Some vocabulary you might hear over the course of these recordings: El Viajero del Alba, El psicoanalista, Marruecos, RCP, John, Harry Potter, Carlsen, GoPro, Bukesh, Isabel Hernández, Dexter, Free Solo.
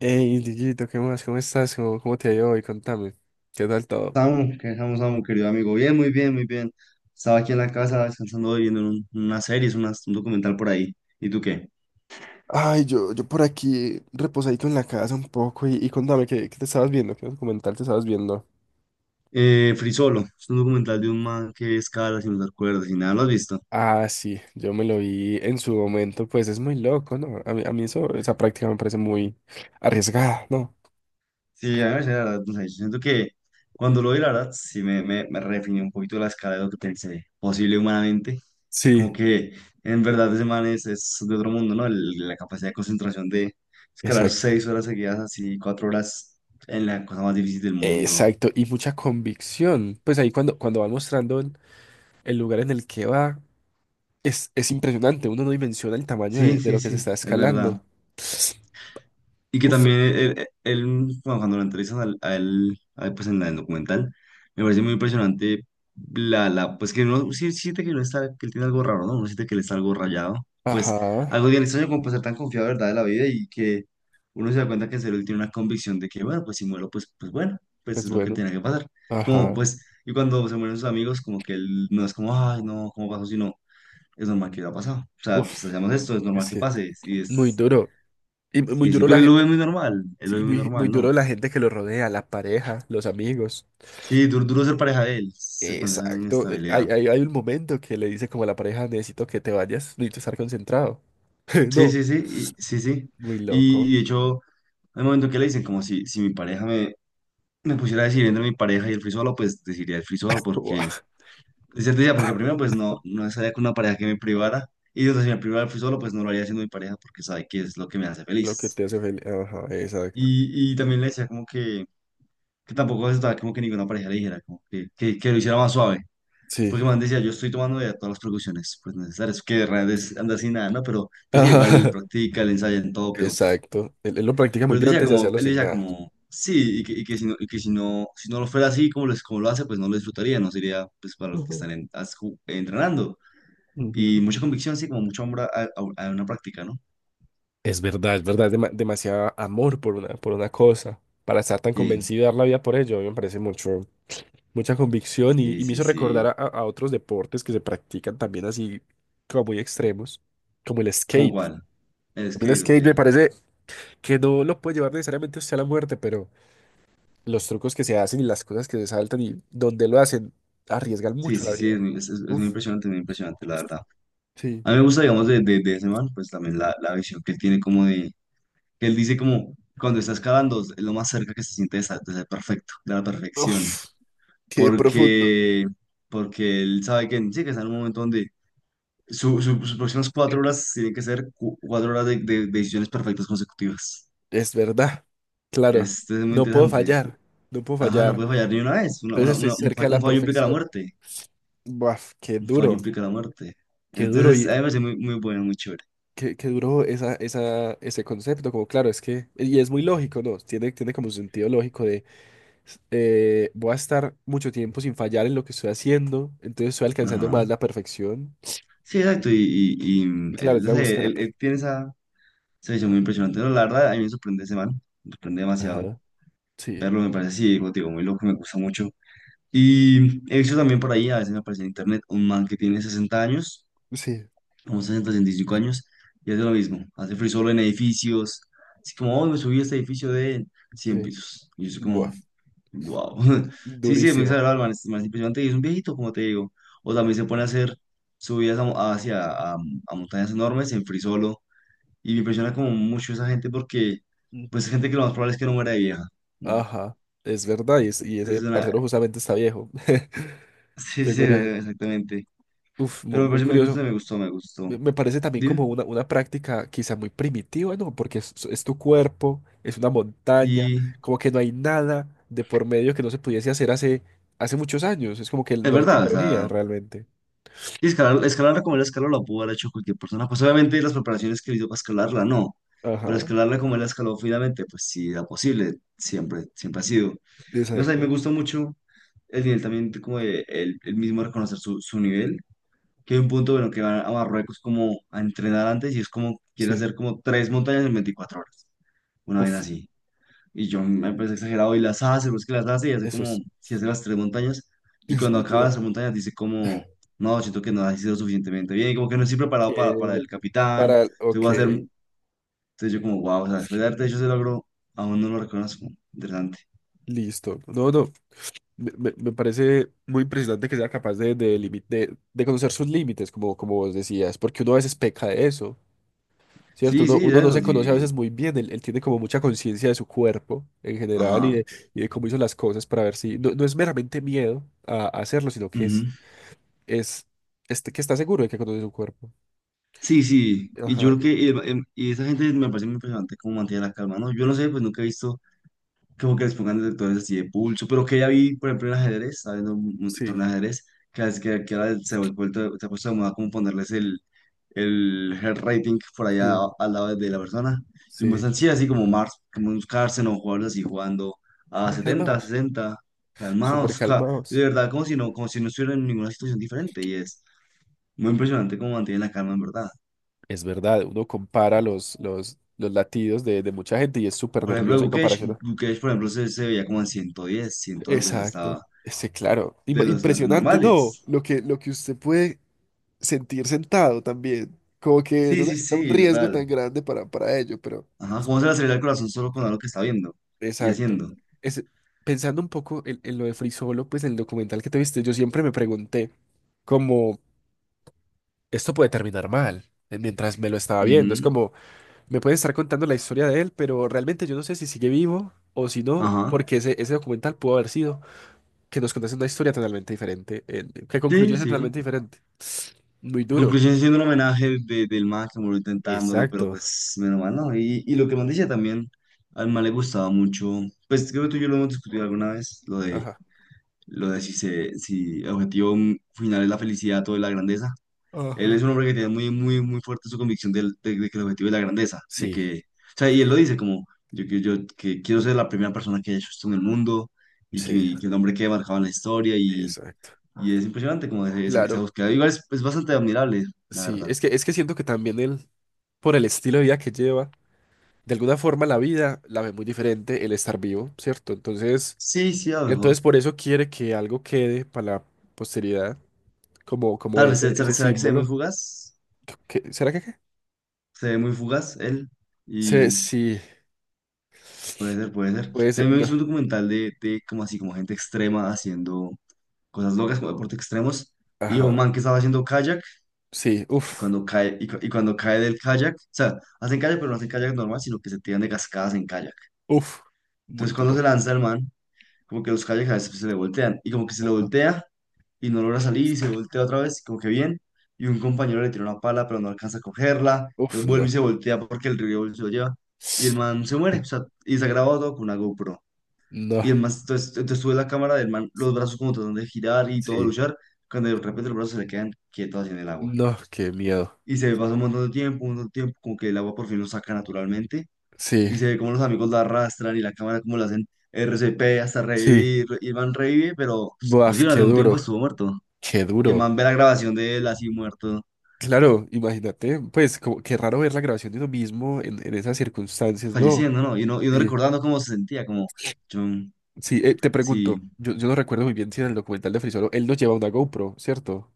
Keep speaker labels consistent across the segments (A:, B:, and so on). A: Hey, Dieguito, ¿qué más? ¿Cómo estás? ¿Cómo te ha ido hoy? Contame. ¿Qué tal todo?
B: Samu, ¿qué dejamos, Samu, querido amigo? Bien, muy bien, muy bien. Estaba aquí en la casa descansando, hoy, viendo unas series, un documental por ahí. ¿Y tú qué?
A: Ay, yo por aquí reposadito en la casa un poco y contame, ¿qué te estabas viendo, qué documental te estabas viendo.
B: Free Solo, es un documental de un man que escala sin usar cuerdas y nada, ¿lo has visto?
A: Ah, sí, yo me lo vi en su momento, pues es muy loco, ¿no? A mí eso, esa práctica me parece muy arriesgada, ¿no?
B: Sí, a mí la verdad, no sé, yo siento que cuando lo vi, la verdad, sí me redefinió un poquito la escala de lo que pensé posible humanamente.
A: Sí.
B: Como que en verdad ese man es de otro mundo, ¿no? La capacidad de concentración de escalar
A: Exacto.
B: 6 horas seguidas, así 4 horas en la cosa más difícil del mundo.
A: Exacto, y mucha convicción. Pues ahí cuando va mostrando el lugar en el que va, es impresionante, uno no dimensiona el tamaño
B: Sí,
A: de
B: sí,
A: lo que
B: sí,
A: se está
B: es verdad.
A: escalando.
B: Y que
A: Uf.
B: también él, bueno, cuando lo entrevistan a él, pues en el documental, me parece muy impresionante la, pues que no, sí siente que no está, que él tiene algo raro, ¿no? Uno siente que él está algo rayado. Pues
A: Ajá,
B: algo bien extraño como pues, ser tan confiado, ¿verdad? De la vida y que uno se da cuenta que en serio él tiene una convicción de que, bueno, pues si muero, pues bueno, pues
A: pues
B: es lo que
A: bueno,
B: tiene que pasar. Como,
A: ajá.
B: pues, y cuando se mueren sus amigos, como que él no es como, ay, no, ¿cómo pasó? Sino, es normal que haya pasado. O sea, pues
A: Uf,
B: hacemos esto, es normal
A: es
B: que
A: que
B: pase. Y
A: muy
B: es.
A: duro. Y muy
B: Sí, sí,
A: duro
B: pero
A: la
B: él lo ve
A: gente.
B: muy normal, él lo
A: Sí,
B: ve muy
A: muy
B: normal, ¿no?
A: duro la gente que lo rodea, la pareja, los amigos.
B: Sí, duro, duro ser pareja de él, con esa
A: Exacto. Hay,
B: inestabilidad.
A: hay un momento que le dice como a la pareja, necesito que te vayas, necesito estar concentrado.
B: Sí,
A: No,
B: sí, sí, y, sí, sí.
A: muy
B: Y,
A: loco.
B: y de hecho, hay momentos que le dicen como si mi pareja me, pusiera a decir entre mi pareja y el free solo, pues decidiría el free solo porque,
A: Buah.
B: es cierto, decía, porque primero pues no estaría con una pareja que me privara, y entonces si me privara el free solo, pues no lo haría siendo mi pareja porque sabe que es lo que me hace
A: Lo que
B: feliz.
A: te hace feliz. Ajá, exacto.
B: Y también le decía como que, tampoco aceptaba como que ninguna pareja le dijera, como que lo hiciera más suave.
A: Sí.
B: Porque man decía, yo estoy tomando ya todas las precauciones pues necesarias, que realmente anda sin nada, ¿no? Pero pues sí, igual él
A: Ajá.
B: practica, él ensaya en todo, pero,
A: Exacto. Él lo practica muy
B: pero él
A: bien
B: decía
A: antes de
B: como,
A: hacerlo
B: él
A: sin
B: decía
A: nada.
B: como, sí, y que si no lo fuera así como, les, como lo hace, pues no lo disfrutaría, no sería pues para lo que
A: Ujú.
B: están entrenando.
A: Ujú.
B: Y mucha convicción, sí, como mucho amor a una práctica, ¿no?
A: Es verdad, es verdad, es demasiado amor por una cosa, para estar tan
B: Sí,
A: convencido y dar la vida por ello, a mí me parece mucho, mucha convicción
B: sí,
A: y me
B: sí,
A: hizo recordar
B: sí.
A: a, a otros deportes que se practican también así como muy extremos, como el
B: ¿Cómo
A: skate.
B: cuál? El
A: A mí el
B: skate, ok.
A: skate me parece que no lo puede llevar necesariamente usted a la muerte, pero los trucos que se hacen y las cosas que se saltan y donde lo hacen arriesgan
B: Sí,
A: mucho la
B: sí, sí, es
A: vida.
B: muy, es, es- es
A: Uf,
B: muy impresionante, la verdad.
A: sí.
B: A mí me gusta, digamos, de ese man, pues también la visión que él tiene como de que él dice como, cuando estás cavando, es lo más cerca que se siente de de ser perfecto, de la perfección,
A: Uf, qué profundo.
B: porque, porque él sabe que, sí, que está en un momento donde sus próximas cuatro horas tienen que ser 4 horas de decisiones perfectas consecutivas.
A: Es verdad. Claro,
B: Este es muy
A: no puedo
B: interesante.
A: fallar, no puedo
B: Ajá, no
A: fallar.
B: puede fallar ni una vez. Una, una-
A: Entonces estoy
B: una- un,
A: cerca
B: fa-
A: de
B: un
A: la
B: fallo implica la
A: perfección.
B: muerte.
A: Buaf,
B: Un fallo implica la muerte.
A: qué duro
B: Entonces,
A: y
B: a mí me parece muy, muy bueno, muy chévere.
A: qué, qué duro esa, esa, ese concepto. Como claro, es que, y es muy lógico, ¿no? Tiene, tiene como un sentido lógico de, voy a estar mucho tiempo sin fallar en lo que estoy haciendo, entonces estoy alcanzando
B: Ajá.
A: más la perfección.
B: Sí, exacto. Y, y, y,
A: Y
B: mm,
A: claro,
B: él,
A: es
B: no
A: la búsqueda
B: sé,
A: de la
B: él
A: perfección.
B: tiene esa. Se me hizo muy impresionante. No, la verdad, a mí me sorprende ese man. Me sorprende demasiado.
A: Ajá. Sí,
B: Verlo me parece así, digo, muy loco, me gusta mucho. Y he visto también por ahí, a veces me aparece en internet, un man que tiene 60 años,
A: sí,
B: como 65 años, y hace lo mismo. Hace free solo en edificios. Así como, hoy me subí a este edificio de cien
A: sí.
B: pisos. Y yo soy como,
A: Buaf,
B: wow. Sí, sí, es muy
A: durísimo.
B: exagerado, el man, el man es impresionante y es un viejito, como te digo. O también se pone a hacer subidas a montañas enormes en free solo y me impresiona como mucho esa gente porque, pues,
A: Ujú.
B: es gente que lo más probable es que no muera de vieja, ¿no?
A: Ajá, es verdad, y, y ese
B: Entonces, es una.
A: parcero justamente está viejo.
B: Sí,
A: Qué
B: sí,
A: curioso.
B: exactamente.
A: Uf, muy,
B: Pero me
A: muy
B: parece, me
A: curioso.
B: gusta, me gustó, me
A: Me
B: gustó.
A: me parece también como
B: Dime.
A: una práctica quizá muy primitiva, ¿no? Porque es tu cuerpo, es una montaña,
B: Sí,
A: como que no hay nada de por medio que no se pudiese hacer hace, hace muchos años. Es como que
B: es
A: no hay
B: verdad, o
A: tecnología
B: sea,
A: realmente.
B: y escalarla como él escaló la pudo haber hecho cualquier persona. Pues, obviamente, las preparaciones que le hizo para escalarla, no. Pero
A: Ajá,
B: escalarla como él la escaló finalmente, pues sí, era posible, siempre, siempre ha sido. Y, o sea, y me
A: exacto.
B: gustó mucho el nivel también, como de él, él mismo reconocer su nivel que hay un punto bueno que van a Marruecos como a entrenar antes y es como quiere
A: Sí.
B: hacer como 3 montañas en 24 horas, una vez
A: Uf,
B: así. Y yo me parece exagerado y las hace, pues que las hace y hace
A: eso
B: como si hace las 3 montañas y
A: es
B: cuando
A: muy
B: acaba las
A: duro.
B: 3 montañas dice como, no, siento que no ha sido suficientemente bien, como que no estoy preparado para
A: Que
B: el Capitán,
A: para, ok,
B: entonces yo como, wow, o sea, después de darte hecho ese logro, aún no lo reconozco, interesante.
A: listo. No, no, me parece muy impresionante que sea capaz de, de conocer sus límites, como, como vos decías, porque uno a veces peca de eso. ¿Cierto?
B: Sí,
A: Uno,
B: sí,
A: uno
B: de
A: no
B: eso,
A: se conoce a
B: sí,
A: veces muy bien, él tiene como mucha conciencia de su cuerpo en general
B: ajá.
A: y de cómo hizo las cosas para ver si... No, no es meramente miedo a hacerlo, sino que es, este que está seguro de que conoce su cuerpo.
B: Sí, sí, y yo
A: Ajá,
B: creo que y esa gente me parece muy impresionante cómo mantiene la calma, ¿no? Yo no sé, pues nunca he visto como que les pongan detectores así de pulso, pero que ya vi, por ejemplo, en ajedrez, estaba viendo un
A: sí,
B: torneo de ajedrez, que ahora se ha puesto de moda como ponerles el heart rating por allá
A: sí,
B: al lado de la persona, y
A: sí.
B: muestran, sí, así como Mars, como un Carlsen o jugadores así jugando a
A: Muy
B: 70
A: calmados,
B: 60
A: súper
B: calmados, de
A: calmados.
B: verdad, como si no estuvieran en ninguna situación diferente, y es muy impresionante cómo mantienen la calma, en verdad.
A: Es verdad, uno compara los latidos de mucha gente y es súper
B: Por ejemplo,
A: nerviosa en comparación a...
B: Bukesh, por ejemplo, se veía como en 110, 100 algo, o sea, estaba
A: Exacto. Sí, claro.
B: de los
A: Impresionante, ¿no?
B: normales.
A: Lo que usted puede sentir sentado también. Como que
B: Sí,
A: no
B: sí,
A: necesita un
B: sí,
A: riesgo
B: total.
A: tan grande para ello, pero
B: Ajá, ¿cómo se le acelera el corazón solo con algo que está viendo y
A: exacto.
B: haciendo?
A: Es, pensando un poco en lo de Free Solo, pues en el documental que te viste, yo siempre me pregunté como, esto puede terminar mal, mientras me lo estaba viendo. Es
B: Ujú.
A: como, me pueden estar contando la historia de él, pero realmente yo no sé si sigue vivo o si no,
B: Ajá.
A: porque ese documental pudo haber sido que nos contase una historia totalmente diferente, que
B: Sí,
A: concluyese
B: sí.
A: totalmente diferente. Muy duro.
B: Conclusión siendo un homenaje del man que murió intentándolo, pero
A: Exacto.
B: pues menos mal, ¿no? Y lo que más decía también, al man le gustaba mucho, pues creo que tú y yo lo hemos discutido alguna vez, lo de,
A: Ajá.
B: lo de si, se, si el objetivo final es la felicidad o la grandeza. Él
A: Ajá.
B: es un hombre que tiene muy, muy, muy fuerte su convicción de que el objetivo es la grandeza, de
A: Sí.
B: que, o sea, y él lo dice como, yo que quiero ser la primera persona que haya hecho esto en el mundo y que,
A: Sí,
B: mi- que el hombre que marcaba en la historia y,
A: exacto.
B: y es impresionante como esa
A: Claro,
B: búsqueda. Igual es bastante admirable, la
A: sí,
B: verdad.
A: es que siento que también él, por el estilo de vida que lleva, de alguna forma la vida la ve muy diferente el estar vivo, ¿cierto? Entonces,
B: Sí, sí, a lo mejor.
A: entonces por eso quiere que algo quede para la posteridad, como, como
B: Tal vez,
A: ese,
B: ¿será,
A: ese
B: será que se ve muy
A: símbolo.
B: fugaz?
A: ¿Será que qué?
B: Se ve muy fugaz él y
A: Sí,
B: puede ser, puede ser.
A: puede ser,
B: También me
A: no.
B: hice un documental de como así, como gente extrema haciendo cosas locas, como deportes extremos. Y un
A: Ajá,
B: man que estaba haciendo kayak
A: sí, uff,
B: cuando cae, y cuando cae del kayak, o sea, hacen kayak, pero no hacen kayak normal, sino que se tiran de cascadas en kayak.
A: uff, muy
B: Entonces, cuando
A: duro.
B: se lanza el man, como que los kayaks a veces se le voltean, y como que se le voltea y no logra salir, y se voltea otra vez, como que bien, y un compañero le tira una pala, pero no alcanza a cogerla,
A: Uff,
B: entonces vuelve
A: no.
B: y se voltea porque el río se lo lleva, y el man se muere, o sea, y se ha grabado todo con una GoPro.
A: No,
B: Y el man, entonces tuve la cámara del man, los brazos como tratando de girar y todo
A: sí,
B: luchar, cuando de repente los brazos se le quedan quietos así en el agua.
A: no, qué miedo.
B: Y se ve pasa un montón de tiempo, un montón de tiempo, como que el agua por fin lo saca naturalmente
A: Sí,
B: y se ve como los amigos la arrastran y la cámara como la hacen RCP hasta
A: sí,
B: revivir y el man revive, pero sí,
A: buaf, qué
B: durante un tiempo
A: duro.
B: estuvo muerto
A: Qué
B: y el
A: duro.
B: man ve la grabación de él así muerto,
A: Claro, imagínate, pues como, qué raro ver la grabación de uno mismo en esas circunstancias, ¿no?
B: falleciendo, ¿no? Y uno
A: Sí,
B: recordando cómo se sentía, como, yo,
A: sí, te
B: sí,
A: pregunto, yo no recuerdo muy bien si en el documental de Frisolo él no lleva una GoPro, ¿cierto?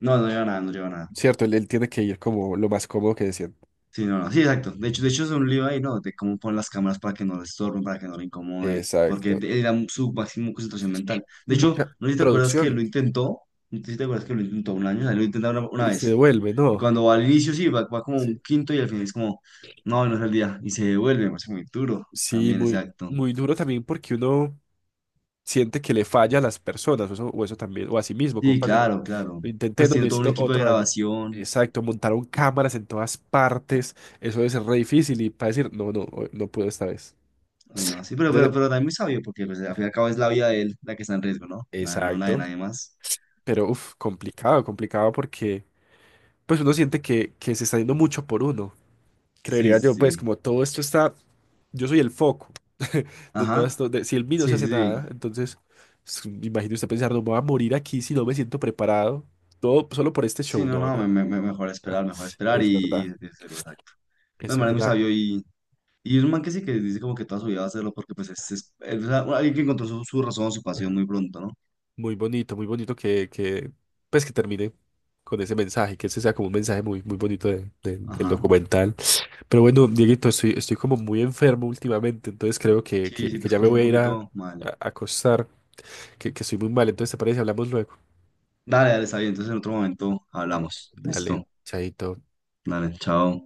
B: no lleva nada, no lleva nada.
A: Cierto, él tiene que ir como lo más cómodo que decían.
B: Sí, no, no, sí, exacto. De hecho, es un lío ahí, ¿no? De cómo poner las cámaras para que no le estorben, para que no le incomode, porque
A: Exacto.
B: era su máximo concentración mental. De
A: Y
B: hecho,
A: mucha producción.
B: no sé si te acuerdas que lo intentó un año, o sea, lo intentó una
A: Y se
B: vez.
A: devuelve,
B: Y
A: ¿no?
B: cuando va al inicio, sí, va como un
A: Sí.
B: quinto y al final es como, no, no es el día. Y se devuelve, me parece muy duro.
A: Sí,
B: También,
A: muy,
B: exacto.
A: muy duro también porque uno siente que le falla a las personas, o eso también, o a sí mismo, como
B: Sí,
A: parce, no,
B: claro, claro.
A: lo intenté,
B: Pues
A: no
B: tiene todo un
A: necesito
B: equipo de
A: otro año.
B: grabación.
A: Exacto, montaron cámaras en todas partes, eso debe ser re difícil y para decir, no, no, hoy no puedo esta vez.
B: Bueno, sí, pero, pero,
A: De-
B: pero también muy sabio, porque pues, al fin y al cabo es la vida de él la que está en riesgo, ¿no? Nada, no la de
A: Exacto,
B: nadie más.
A: pero uff, complicado, complicado porque pues uno siente que se está yendo mucho por uno.
B: Sí,
A: Creería
B: sí.
A: yo, pues
B: Sí.
A: como todo esto está, yo soy el foco de todo
B: Ajá.
A: esto, de, si el mí no se
B: Sí,
A: hace
B: sí, sí.
A: nada, entonces me imagino usted pensar, no me voy a morir aquí si no me siento preparado, todo solo por este
B: Sí,
A: show,
B: no,
A: no,
B: no,
A: no.
B: mejor esperar
A: Es
B: y,
A: verdad,
B: y, y seguro, exacto. No,
A: es
B: el man es muy
A: verdad.
B: sabio y es un man que sí que dice como que toda su vida va a hacerlo porque pues o sea, bueno, alguien que encontró su razón, su pasión muy pronto, ¿no?
A: Muy bonito que, pues que termine con ese mensaje, que ese sea como un mensaje muy, muy bonito de- del
B: Ajá.
A: documental. Pero bueno, Dieguito, estoy, estoy como muy enfermo últimamente, entonces creo
B: Sí, sí, te
A: que ya me
B: escucho un
A: voy a ir a,
B: poquito mal.
A: a acostar, que estoy muy mal. Entonces, ¿te parece? Hablamos luego.
B: Dale, dale, está bien. Entonces en otro momento
A: Va.
B: hablamos.
A: Dale,
B: Listo.
A: chaito.
B: Dale, chao.